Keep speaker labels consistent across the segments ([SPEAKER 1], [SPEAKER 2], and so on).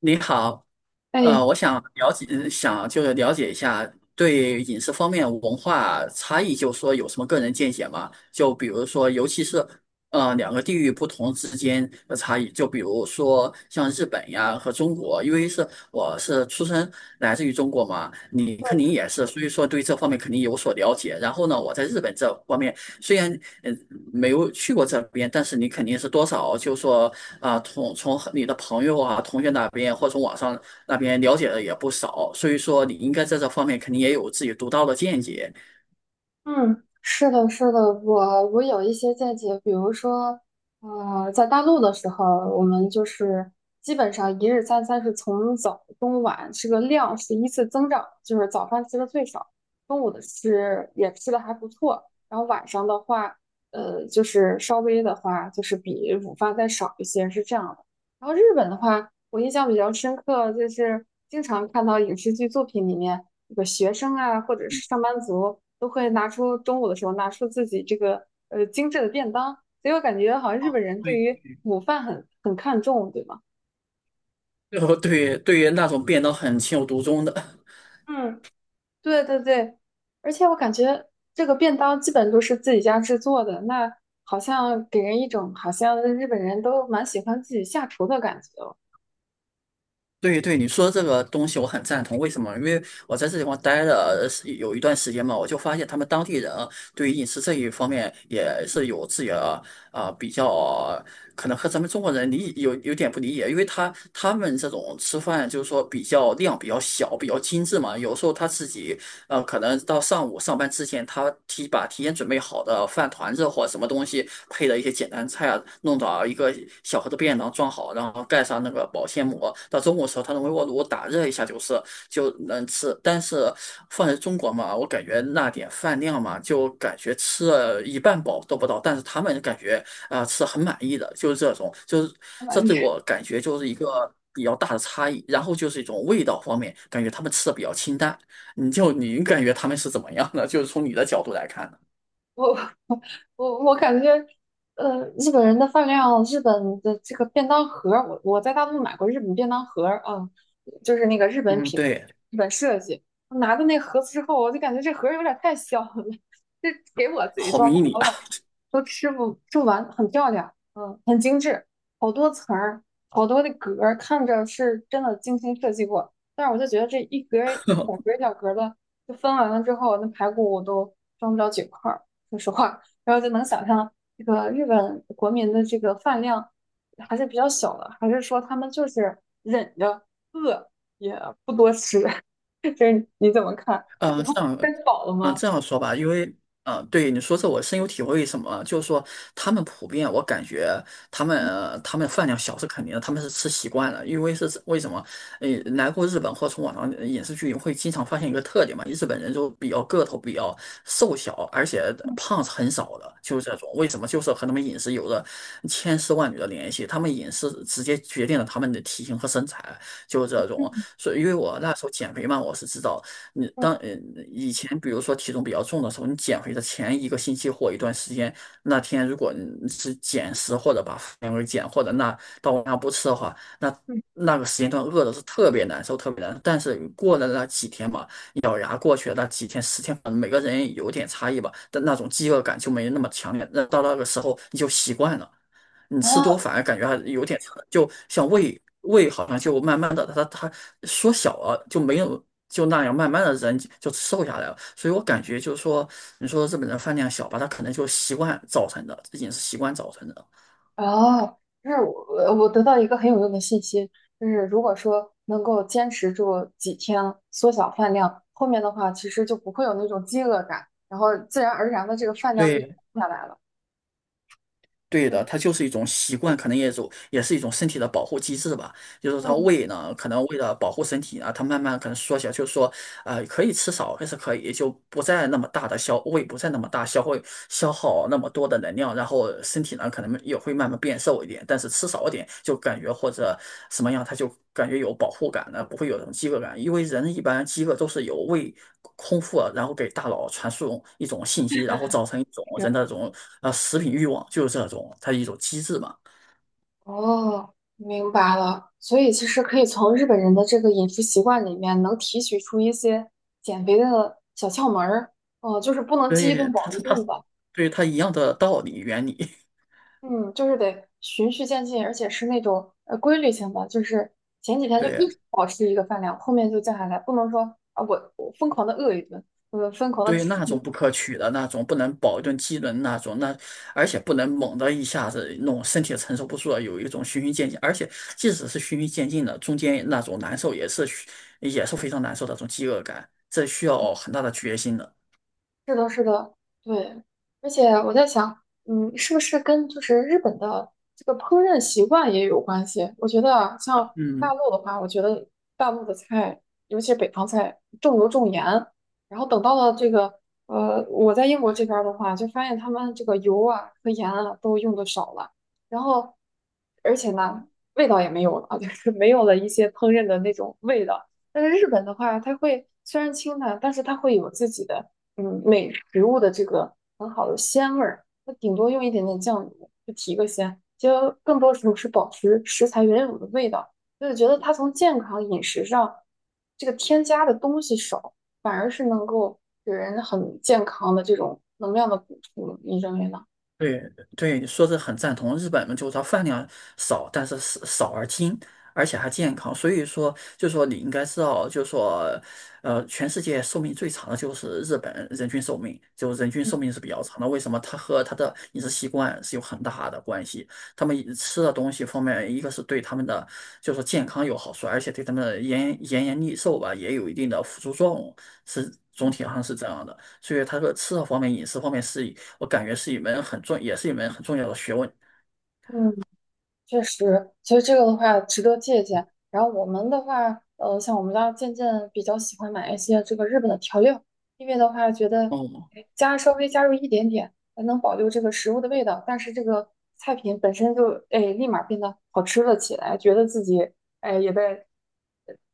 [SPEAKER 1] 你好，
[SPEAKER 2] 哎，
[SPEAKER 1] 我想了解，想就是了解一下对饮食方面文化差异，就是说有什么个人见解吗？就比如说，尤其是两个地域不同之间的差异，就比如说像日本呀和中国，因为是我是出生来自于中国嘛，你肯定也是，所以说对这方面肯定有所了解。然后呢，我在日本这方面虽然呃没有去过这边，但是你肯定是多少就是说啊、从你的朋友啊、同学那边或从网上。那边了解的也不少，所以说你应该在这方面肯定也有自己独到的见解。
[SPEAKER 2] 嗯，是的，是的，我有一些见解，比如说，在大陆的时候，我们就是基本上一日三餐是从早中晚这个量是依次增长，就是早饭吃的最少，中午的吃也吃的还不错，然后晚上的话，就是稍微的话就是比午饭再少一些，是这样的。然后日本的话，我印象比较深刻，就是经常看到影视剧作品里面。这个学生啊，或者是上班族，都会拿出中午的时候拿出自己这个精致的便当，所以我感觉好像日
[SPEAKER 1] 哦，
[SPEAKER 2] 本 人对
[SPEAKER 1] 对，
[SPEAKER 2] 于午饭很看重，对吗？
[SPEAKER 1] 对，对于那种变得很情有独钟的，
[SPEAKER 2] 嗯，对对对，而且我感觉这个便当基本都是自己家制作的，那好像给人一种好像日本人都蛮喜欢自己下厨的感觉哦。
[SPEAKER 1] 对对，你说这个东西我很赞同。为什么？因为我在这地方待了是有一段时间嘛，我就发现他们当地人对于饮食这一方面也是有自己的啊、比较，可能和咱们中国人理有点不理解，因为他们这种吃饭就是说比较量比较小，比较精致嘛，有时候他自己可能到上午上班之前，他把提前准备好的饭团子或什么东西配的一些简单菜啊，弄到一个小盒的便当装好，然后盖上那个保鲜膜。到中午的时候，他用微波炉打热一下就能吃。但是放在中国嘛，我感觉那点饭量嘛，就感觉吃了一半饱都不到，但是他们感觉啊、吃得很满意的，就是这种，就是这对我感觉就是一个比较大的差异。然后就是一种味道方面，感觉他们吃的比较清淡。你感觉他们是怎么样的？就是从你的角度来看的。
[SPEAKER 2] 我我感觉，日本人的饭量，日本的这个便当盒儿，我在大陆买过日本便当盒儿啊，就是那个日本
[SPEAKER 1] 嗯，
[SPEAKER 2] 品，
[SPEAKER 1] 对，
[SPEAKER 2] 日本设计。我拿到那盒子之后，我就感觉这盒儿有点太小了，这给我自己
[SPEAKER 1] 好
[SPEAKER 2] 装的，
[SPEAKER 1] 迷你
[SPEAKER 2] 我
[SPEAKER 1] 啊。
[SPEAKER 2] 感觉都吃不完，很漂亮，嗯，很精致，好多层儿，好多的格儿，看着是真的精心设计过。但是我就觉得这一格儿一小格儿的，就分完了之后，那排骨我都装不了几块儿。说实话，然后就能想象这个日本国民的这个饭量还是比较小的，还是说他们就是忍着饿也不多吃？就是你怎么看？
[SPEAKER 1] 嗯，
[SPEAKER 2] 就他们
[SPEAKER 1] 这样，
[SPEAKER 2] 吃饱了
[SPEAKER 1] 嗯，
[SPEAKER 2] 吗？
[SPEAKER 1] 这样说吧，因为，嗯，对你说这我深有体会。什么？就是说，他们普遍，我感觉他们，他们饭量小是肯定的，他们是吃习惯了。因为是为什么？呃，来过日本或从网上影视剧会经常发现一个特点嘛，日本人就比较个头比较瘦小，而且
[SPEAKER 2] 嗯
[SPEAKER 1] 胖是很少的，就是这种。为什么？就是和他们饮食有着千丝万缕的联系，他们饮食直接决定了他们的体型和身材，就是这种。
[SPEAKER 2] 嗯
[SPEAKER 1] 所以，因为我那时候减肥嘛，我是知道。你
[SPEAKER 2] 嗯
[SPEAKER 1] 当以前比如说体重比较重的时候，你减肥的前一个星期或一段时间，那天如果你是减食或者把饭给减，或者那到晚上不吃的话，那
[SPEAKER 2] 嗯
[SPEAKER 1] 那个时间段饿的是特别难受，特别难受。但是过了那几天嘛，咬牙过去的那几天十天，可能每个人有点差异吧，但那种饥饿感就没那么强烈。那到那个时候你就习惯了。你吃多
[SPEAKER 2] 啊，
[SPEAKER 1] 反而感觉还有点撑就像胃好像就慢慢的它缩小了，就没有就那样慢慢的人就瘦下来了。所以我感觉就是说，你说日本人饭量小吧，他可能就习惯造成的，这也是习惯造成的。
[SPEAKER 2] 哦，就是我得到一个很有用的信息，就是如果说能够坚持住几天，缩小饭量，后面的话其实就不会有那种饥饿感，然后自然而然的这个饭量就
[SPEAKER 1] 对
[SPEAKER 2] 下来了。
[SPEAKER 1] 对的，
[SPEAKER 2] 嗯
[SPEAKER 1] 它就是一种习惯，可能也是一种身体的保护机制吧。就是它
[SPEAKER 2] 嗯，
[SPEAKER 1] 胃呢，可能为了保护身体啊，它慢慢可能缩小，就是说，可以吃少还是可以，就不再那么大的消，胃不再那么大消耗那么多的能量，然后身体呢可能也会慢慢变瘦一点，但是吃少一点就感觉或者什么样，它就感觉有保护感呢，不会有这种饥饿感，因为人一般饥饿都是由胃空腹啊然后给大脑传输一种信息，然后造成一种
[SPEAKER 2] 是
[SPEAKER 1] 人的这种食品欲望，就是这种它一种机制嘛。
[SPEAKER 2] 哦，明白了。所以其实可以从日本人的这个饮食习惯里面，能提取出一些减肥的小窍门儿。哦，就是不能饥一顿
[SPEAKER 1] 对，
[SPEAKER 2] 饱一顿
[SPEAKER 1] 它，
[SPEAKER 2] 吧。
[SPEAKER 1] 对它一样的道理原理，
[SPEAKER 2] 嗯，就是得循序渐进，而且是那种规律性的，就是前几天就一
[SPEAKER 1] 对
[SPEAKER 2] 直保持一个饭量，后面就降下来，不能说啊我疯狂的饿一顿，我疯狂的
[SPEAKER 1] 对，于
[SPEAKER 2] 吃。
[SPEAKER 1] 那种不可取的那种，不能保证机能那种，那而且不能猛的一下子弄，身体承受不住了，有一种循序渐进，而且即使是循序渐进的，中间那种难受也是非常难受的那种饥饿感，这需要很大的决心的。
[SPEAKER 2] 是的，是的，对，而且我在想，嗯，是不是跟就是日本的这个烹饪习惯也有关系？我觉得啊，像大
[SPEAKER 1] 嗯。
[SPEAKER 2] 陆的话，我觉得大陆的菜，尤其是北方菜，重油重盐。然后等到了这个，我在英国这边儿的话，就发现他们这个油啊和盐啊都用的少了，然后而且呢，味道也没有了，就是没有了一些烹饪的那种味道。但是日本的话，它会虽然清淡，但是它会有自己的。嗯，美食物的这个很好的鲜味儿，它顶多用一点点酱油就提个鲜，其实更多时候是保持食材原有的味道。就是觉得它从健康饮食上，这个添加的东西少，反而是能够给人很健康的这种能量的补充。你认为呢？
[SPEAKER 1] 对对，你说是很赞同。日本嘛，就是它饭量少，但是少少而精，而且还健康。所以说，就说你应该知道，就说，全世界寿命最长的就是日本人均寿命，就人均寿命是比较长的。为什么？它和它的饮食习惯是有很大的关系。他们饮吃的东西方面，一个是对他们的就说健康有好处，而且对他们的延年益寿吧也有一定的辅助作用，是总体上是这样的。所以他说吃的方面、饮食方面是。我感觉是一门很重，也是一门很重要的学问。
[SPEAKER 2] 嗯。确实，其实这个的话值得借鉴。然后我们的话，像我们家渐渐比较喜欢买一些这个日本的调料，因为的话觉得
[SPEAKER 1] 哦，
[SPEAKER 2] 哎加稍微加入一点点，还能保留这个食物的味道，但是这个菜品本身就哎立马变得好吃了起来，觉得自己哎也在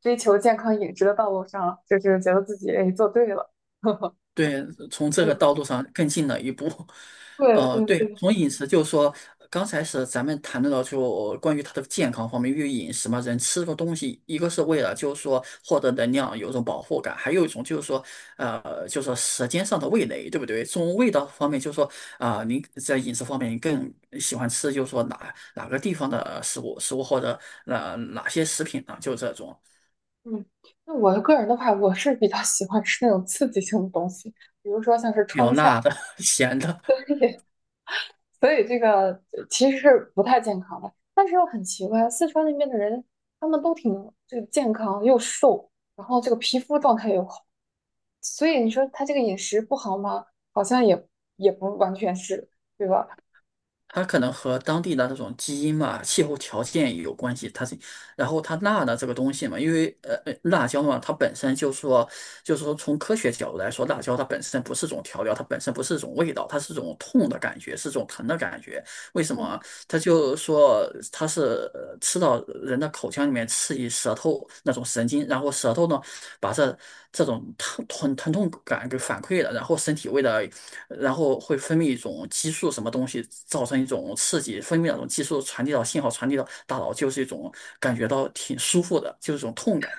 [SPEAKER 2] 追求健康饮食的道路上了，就是觉得自己哎做对了。
[SPEAKER 1] 对，从这个
[SPEAKER 2] 嗯，
[SPEAKER 1] 道路上更进了一步。
[SPEAKER 2] 对对
[SPEAKER 1] 对，
[SPEAKER 2] 对，
[SPEAKER 1] 从饮食就是说，刚才是咱们谈论到就关于它的健康方面，因为饮食嘛，人吃个东西，一个是为了就是说获得能量，有一种保护感，还有一种就是说，就是说舌尖上的味蕾，对不对？从味道方面，就是说啊、您在饮食方面，你更喜欢吃就是说哪个地方的食物，食物或者哪些食品呢？就这种。
[SPEAKER 2] 嗯，那我个人的话，我是比较喜欢吃那种刺激性的东西，比如说像是
[SPEAKER 1] 比较
[SPEAKER 2] 川菜。
[SPEAKER 1] 辣的、咸的，
[SPEAKER 2] 所以这个其实是不太健康的。但是又很奇怪，四川那边的人他们都挺这个健康又瘦，然后这个皮肤状态又好，所以你说他这个饮食不好吗？好像也也不完全是，对吧？
[SPEAKER 1] 它可能和当地的那种基因嘛、气候条件也有关系。它是，然后它辣的这个东西嘛，因为辣椒嘛，它本身就说，就是说从科学角度来说，辣椒它本身不是种调料，它本身不是种味道，它是种痛的感觉，是种疼的感觉。为什
[SPEAKER 2] 嗯
[SPEAKER 1] 么？它就说它是吃到人的口腔里面刺激舌头那种神经，然后舌头呢把这种疼痛感给反馈了，然后身体为了。然后会分泌一种激素，什么东西造成一种刺激，分泌那种激素传递到信号，传递到大脑，就是一种感觉到挺舒服的，就是一种痛感。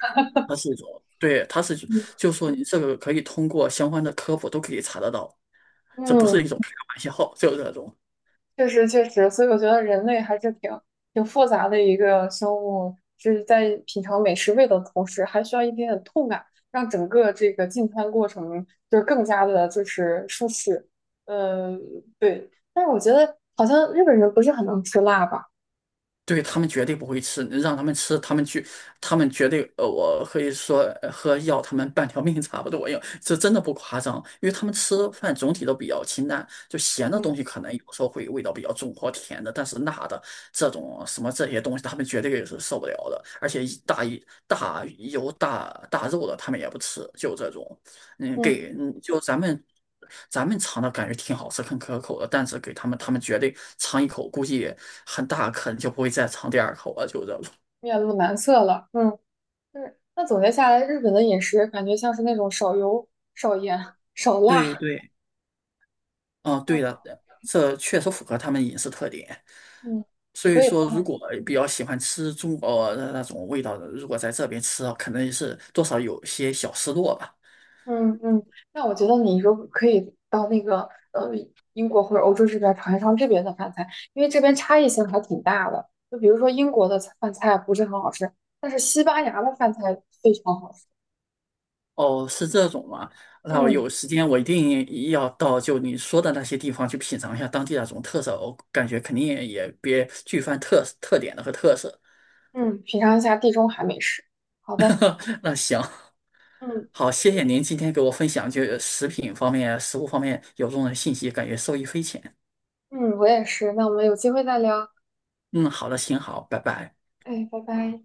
[SPEAKER 1] 它是一种，对，它是，就是说你这个可以通过相关的科普都可以查得到，这不
[SPEAKER 2] 嗯，
[SPEAKER 1] 是一种开玩笑，就是那种。
[SPEAKER 2] 确实确实，所以我觉得人类还是挺复杂的一个生物，是在品尝美食味的同时，还需要一点点痛感，让整个这个进餐过程就是更加的就是舒适。呃，对，但是我觉得好像日本人不是很能吃辣吧？
[SPEAKER 1] 对他们绝对不会吃，让他们吃，他们去，他们绝对，我可以说和要他们半条命差不多一这真的不夸张，因为他们吃饭总体都比较清淡，就咸的
[SPEAKER 2] 嗯，
[SPEAKER 1] 东西可能有时候会味道比较重或甜的，但是辣的这种什么这些东西，他们绝对也是受不了的，而且一大一大油大大肉的他们也不吃，就这种。嗯，
[SPEAKER 2] 嗯，
[SPEAKER 1] 给嗯，就咱们尝的感觉挺好吃、很可口的，但是给他们，他们绝对尝一口，估计很大可能就不会再尝第二口了，就这种。
[SPEAKER 2] 面露难色了。嗯，就是。那总结下来，日本的饮食感觉像是那种少油、少盐、少
[SPEAKER 1] 对
[SPEAKER 2] 辣。
[SPEAKER 1] 对，嗯，
[SPEAKER 2] 嗯
[SPEAKER 1] 对的，这确实符合他们饮食特点。
[SPEAKER 2] 嗯，
[SPEAKER 1] 所
[SPEAKER 2] 所
[SPEAKER 1] 以
[SPEAKER 2] 以
[SPEAKER 1] 说，如果比较喜欢吃中国的那种味道的，如果在这边吃啊，可能是多少有些小失落吧。
[SPEAKER 2] 嗯嗯，那我觉得你如果可以到那个呃英国或者欧洲这边儿尝一尝这边的饭菜，因为这边差异性还挺大的。就比如说英国的菜饭菜不是很好吃，但是西班牙的饭菜非常好吃。
[SPEAKER 1] 哦，是这种吗？那我
[SPEAKER 2] 嗯
[SPEAKER 1] 有时间我一定要到就你说的那些地方去品尝一下当地那种特色，我感觉肯定也别具泛特点的和特色。
[SPEAKER 2] 嗯，品尝一下地中海美食。好的，
[SPEAKER 1] 那行，
[SPEAKER 2] 嗯
[SPEAKER 1] 好，谢谢您今天给我分享就是食品方面、食物方面有用的信息，感觉受益匪浅。
[SPEAKER 2] 嗯，我也是。那我们有机会再聊。
[SPEAKER 1] 嗯，好的，行，好，拜拜。
[SPEAKER 2] 哎，拜拜。